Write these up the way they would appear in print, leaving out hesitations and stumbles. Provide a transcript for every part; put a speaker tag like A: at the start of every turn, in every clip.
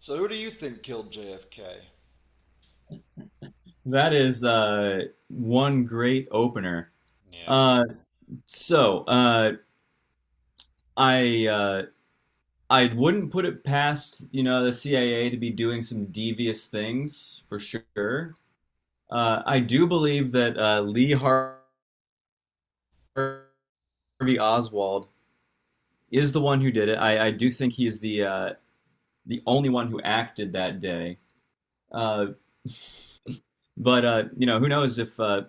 A: So who do you think killed JFK?
B: That is one great opener.
A: Yeah.
B: Uh, so uh, I uh, I wouldn't put it past you know the CIA to be doing some devious things for sure. I do believe that Lee Harvey Oswald is the one who did it. I do think he is the only one who acted that day. Uh, but you know who knows if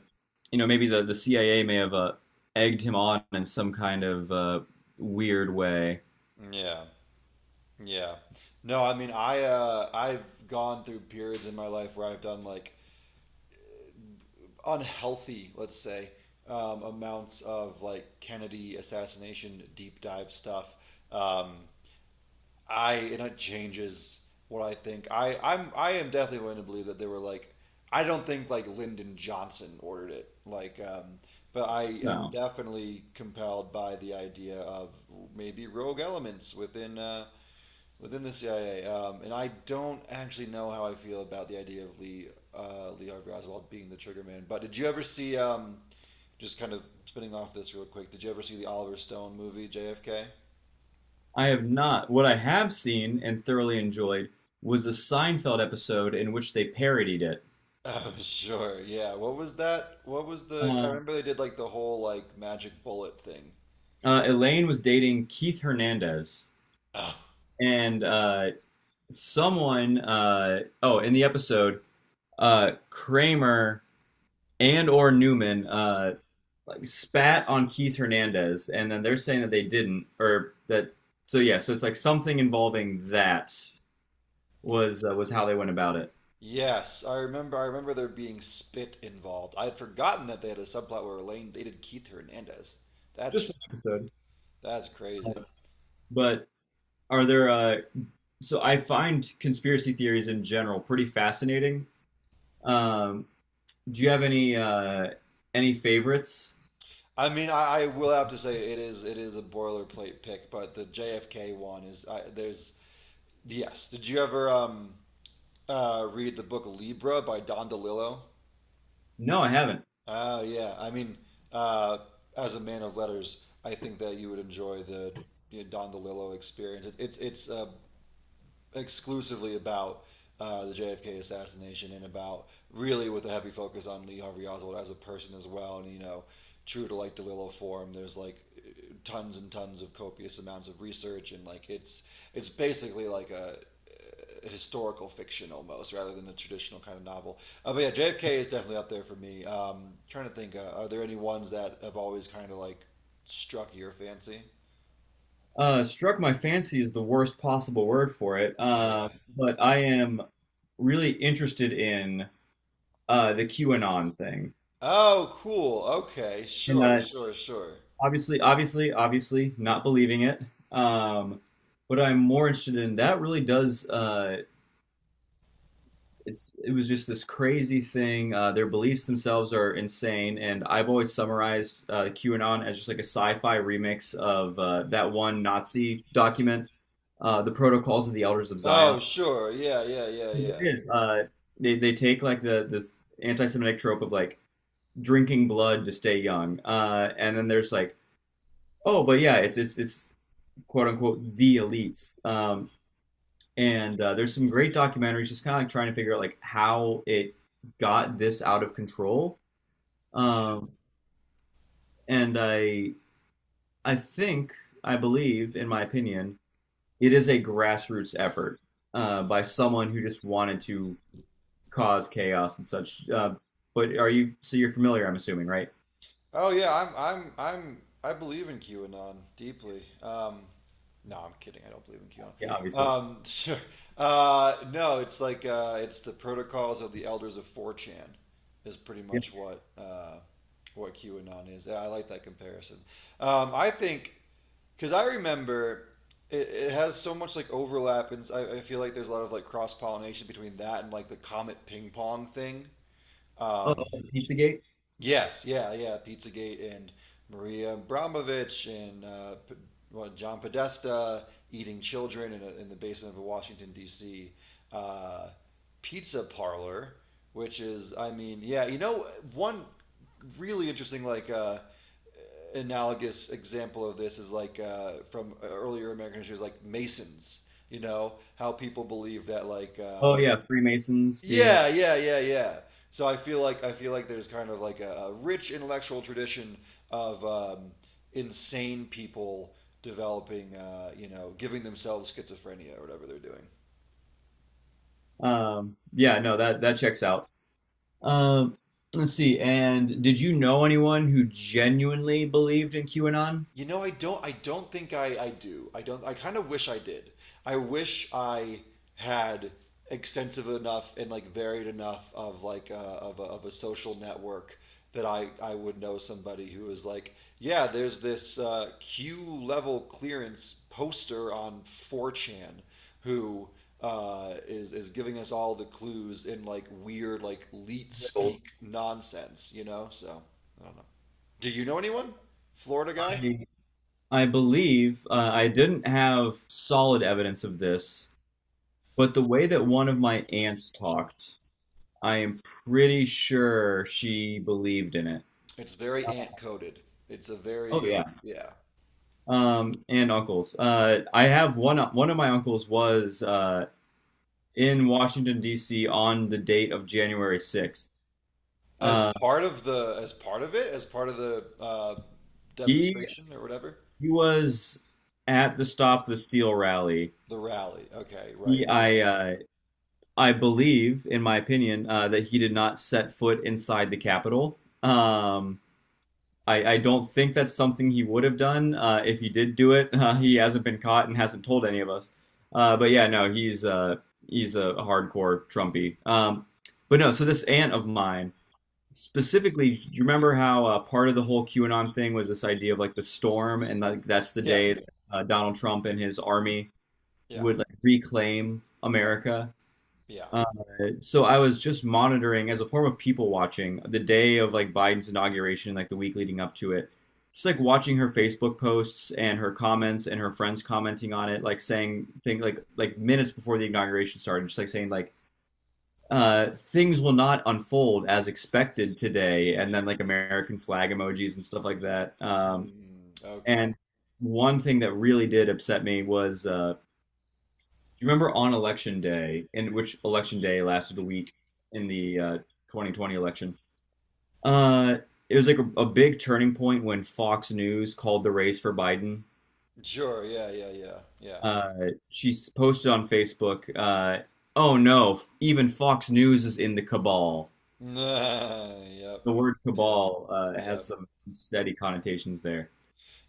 B: you know, maybe the CIA may have egged him on in some kind of weird way.
A: Yeah, yeah. No, I mean, I've gone through periods in my life where I've done like unhealthy, let's say, amounts of like Kennedy assassination deep dive stuff. Um, I and it changes what I think. I am definitely willing to believe that they were like I don't think like Lyndon Johnson ordered it. But I am
B: No,
A: definitely compelled by the idea of maybe rogue elements within the CIA. And I don't actually know how I feel about the idea of Lee Harvey Oswald being the trigger man. But did you ever see just kind of spinning off this real quick, did you ever see the Oliver Stone movie JFK?
B: I have not. What I have seen and thoroughly enjoyed was the Seinfeld episode in which they parodied it.
A: Oh, sure. Yeah. What was that? What was the? I
B: Uh,
A: remember they did like the whole like magic bullet thing.
B: Elaine was dating Keith Hernandez,
A: Oh.
B: and someone, in the episode, Kramer and or Newman like spat on Keith Hernandez, and then they're saying that they didn't, or that. So it's like something involving that was how they went about it.
A: Yes, I remember. I remember there being spit involved. I had forgotten that they had a subplot where Elaine dated Keith Hernandez.
B: Just
A: That's
B: one episode.
A: that's crazy.
B: But are there? So I find conspiracy theories in general pretty fascinating. Um, do you have any favorites?
A: I mean, I will have to say it is a boilerplate pick, but the JFK one is there's yes. Did you ever read the book Libra by Don DeLillo?
B: No, I haven't.
A: Oh yeah, I mean, uh, as a man of letters, I think that you would enjoy the you know, Don DeLillo experience. It's exclusively about the JFK assassination and about really with a heavy focus on Lee Harvey Oswald as a person as well. And you know, true to like DeLillo form, there's like tons and tons of copious amounts of research and like it's basically like a historical fiction almost rather than a traditional kind of novel. But yeah, JFK is definitely up there for me. Trying to think, are there any ones that have always kind of like struck your fancy?
B: Struck my fancy is the worst possible word for it.
A: Okay.
B: But I am really interested in the QAnon thing,
A: Oh, cool. Okay,
B: and
A: sure, sure, sure.
B: obviously, obviously, obviously, not believing it. Um, what I'm more interested in that really does. It was just this crazy thing. Their beliefs themselves are insane, and I've always summarized QAnon as just like a sci-fi remix of that one Nazi document, the Protocols of the Elders of Zion.
A: Oh, sure. Yeah, yeah, yeah,
B: It
A: yeah.
B: is. They take like the this anti-Semitic trope of like drinking blood to stay young, and then there's like oh, but yeah, it's quote unquote the elites. And there's some great documentaries just kind of like trying to figure out like how it got this out of control. Um, and I think I believe, in my opinion, it is a grassroots effort by someone who just wanted to cause chaos and such. But are you so you're familiar? I'm assuming, right?
A: Oh yeah, I'm I believe in QAnon deeply. No, I'm kidding. I don't believe in
B: Yeah,
A: QAnon.
B: obviously.
A: Sure. No, it's like it's the protocols of the elders of 4chan is pretty
B: Yeah.
A: much what QAnon is. Yeah, I like that comparison. I think cuz I remember it has so much like overlap and I feel like there's a lot of like cross-pollination between that and like the comet ping pong thing.
B: Oh,
A: Um
B: Pizzagate.
A: Yes, yeah, yeah. Pizzagate and Maria Abramovich and well, John Podesta eating children in, in the basement of a Washington D.C. Uh, pizza parlor, which is, I mean, yeah, you know, one really interesting analogous example of this is from earlier American history is like Masons. You know how people believe that like uh,
B: Oh
A: like
B: yeah, Freemasons being
A: yeah, yeah, yeah, yeah. So I feel like there's kind of like a rich intellectual tradition of insane people developing, you know, giving themselves schizophrenia or whatever they're doing.
B: like, yeah, no, that that checks out. Um, let's see. And did you know anyone who genuinely believed in QAnon?
A: You know, I don't. I don't think I. I do. I don't. I kind of wish I did. I wish I had extensive enough and like varied enough of of a social network that I would know somebody who is like, yeah, there's this Q level clearance poster on 4chan who is giving us all the clues in like weird like leet
B: No.
A: speak nonsense, you know. So I don't know. Do you know anyone? Florida guy?
B: I I believe I didn't have solid evidence of this, but the way that one of my aunts talked, I am pretty sure she believed in it.
A: It's very ant coded. It's a
B: Oh
A: very
B: yeah.
A: it- yeah yeah.
B: And uncles. I have one. One of my uncles was in Washington D.C. on the date of January 6th.
A: As
B: Uh,
A: part of the as part of it, as part of the
B: he
A: demonstration or whatever,
B: He was at the Stop the Steal rally.
A: the rally. Okay,
B: He,
A: right. Yeah.
B: I, uh, I believe, in my opinion, that he did not set foot inside the Capitol. I don't think that's something he would have done. If he did do it, he hasn't been caught and hasn't told any of us. No, he's a hardcore Trumpy. But no, so this aunt of mine specifically, do you remember how part of the whole QAnon thing was this idea of like the storm, and like that's the
A: Yeah.
B: day that, Donald Trump and his army
A: Yeah.
B: would like reclaim America?
A: Yeah.
B: Uh, so I was just monitoring as a form of people watching the day of like Biden's inauguration, like the week leading up to it, just like watching her Facebook posts and her comments and her friends commenting on it, like saying things like minutes before the inauguration started, just like saying like things will not unfold as expected today, and then like American flag emojis and stuff like that.
A: Mm, okay.
B: And one thing that really did upset me was, do you remember on election day, in which election day lasted a week in the 2020 election? Uh, it was like a big turning point when Fox News called the race for Biden.
A: Sure. Yeah. Yeah. Yeah. Yeah.
B: Uh, she s- posted on Facebook, "Oh no, f- even Fox News is in the cabal."
A: Yep.
B: The word
A: Yep.
B: cabal has
A: Yep.
B: some steady connotations there.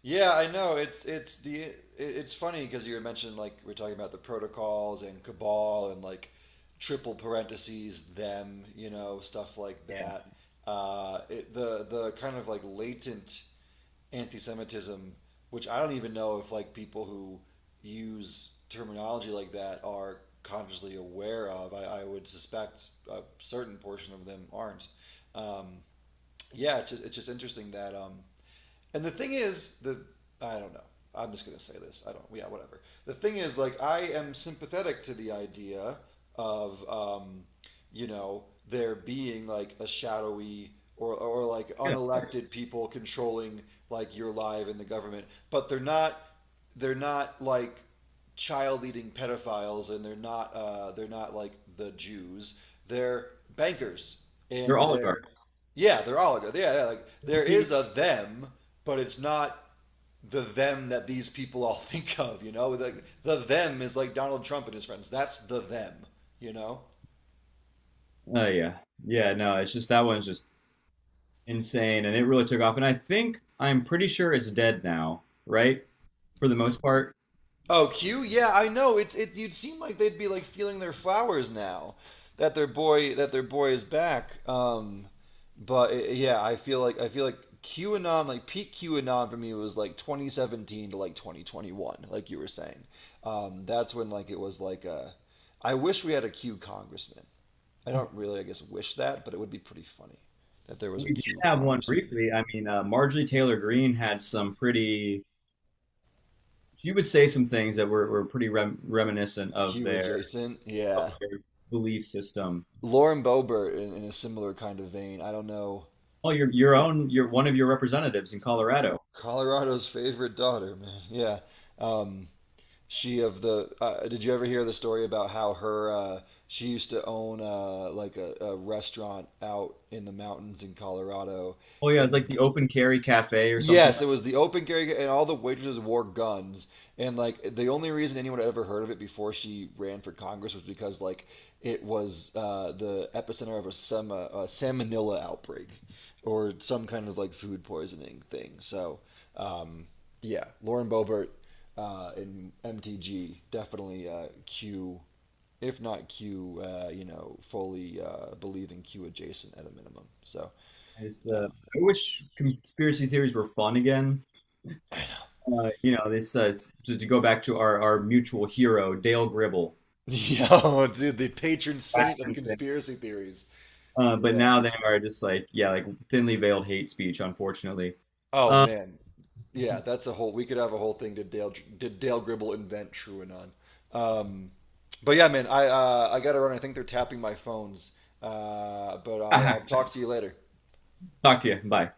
A: Yeah, I know. It's funny because you were mentioning like we're talking about the protocols and cabal and like triple parentheses them, you know, stuff like
B: Yeah,
A: that. The kind of like latent anti-Semitism, which I don't even know if like people who use terminology like that are consciously aware of. I would suspect a certain portion of them aren't. Um, yeah, it's just interesting that. And the thing is, the I don't know. I'm just gonna say this. I don't. Yeah, whatever. The thing is, like, I am sympathetic to the idea of, you know, there being like a shadowy or like
B: yeah,
A: unelected people controlling like your life and the government, but they're not like child eating pedophiles and they're not like the Jews. They're bankers
B: they're
A: and they're
B: oligarchs.
A: yeah, they're oligarchs. Yeah, yeah, like
B: We'll
A: there
B: see.
A: is a them, but it's not the them that these people all think of, you know? Like the them is like Donald Trump and his friends. That's the them, you know?
B: Oh yeah, yeah. No, it's just that one's just insane, and it really took off. And I think I'm pretty sure it's dead now, right? For the most part,
A: Oh, Q? Yeah, I know. It's it. You'd seem like they'd be like feeling their flowers now that their boy is back. But I yeah, I feel like QAnon, like peak QAnon for me was like 2017 to like 2021, like you were saying. That's when like it was like a. I wish we had a Q congressman. I don't really, I guess, wish that, but it would be pretty funny that there was
B: we
A: a
B: did
A: Q
B: have one
A: congressman.
B: briefly. I mean, Marjorie Taylor Greene had some pretty, she would say some things that were pretty rem- reminiscent
A: Q adjacent,
B: of
A: yeah.
B: their belief system.
A: Lauren Boebert in a similar kind of vein. I don't know.
B: Oh, your own, your one of your representatives in Colorado.
A: Colorado's favorite daughter, man. Yeah. Um, she of the. Did you ever hear the story about how her? She used to own like a restaurant out in the mountains in Colorado,
B: Oh yeah, it's like
A: and
B: the open carry cafe or something.
A: yes, it was the open carry, and all the waitresses wore guns. And like the only reason anyone had ever heard of it before she ran for Congress was because like it was the epicenter of a some salmonella outbreak or some kind of like food poisoning thing. So um, yeah, Lauren Boebert in MTG definitely Q, if not Q, you know, fully believe in Q adjacent at a minimum. So
B: I just I wish conspiracy theories were fun again. You know, this to go back to our mutual hero Dale Gribble.
A: yo, dude, the patron saint of conspiracy theories.
B: But
A: Yeah.
B: now they are just like yeah, like thinly veiled hate speech, unfortunately.
A: Oh
B: Uh,
A: man. Yeah, that's a whole. We could have a whole thing. Did Dale Gribble invent Truanon? Um, but yeah, man, I gotta run. I think they're tapping my phones. But I'll talk to you later.
B: Talk to you. Bye.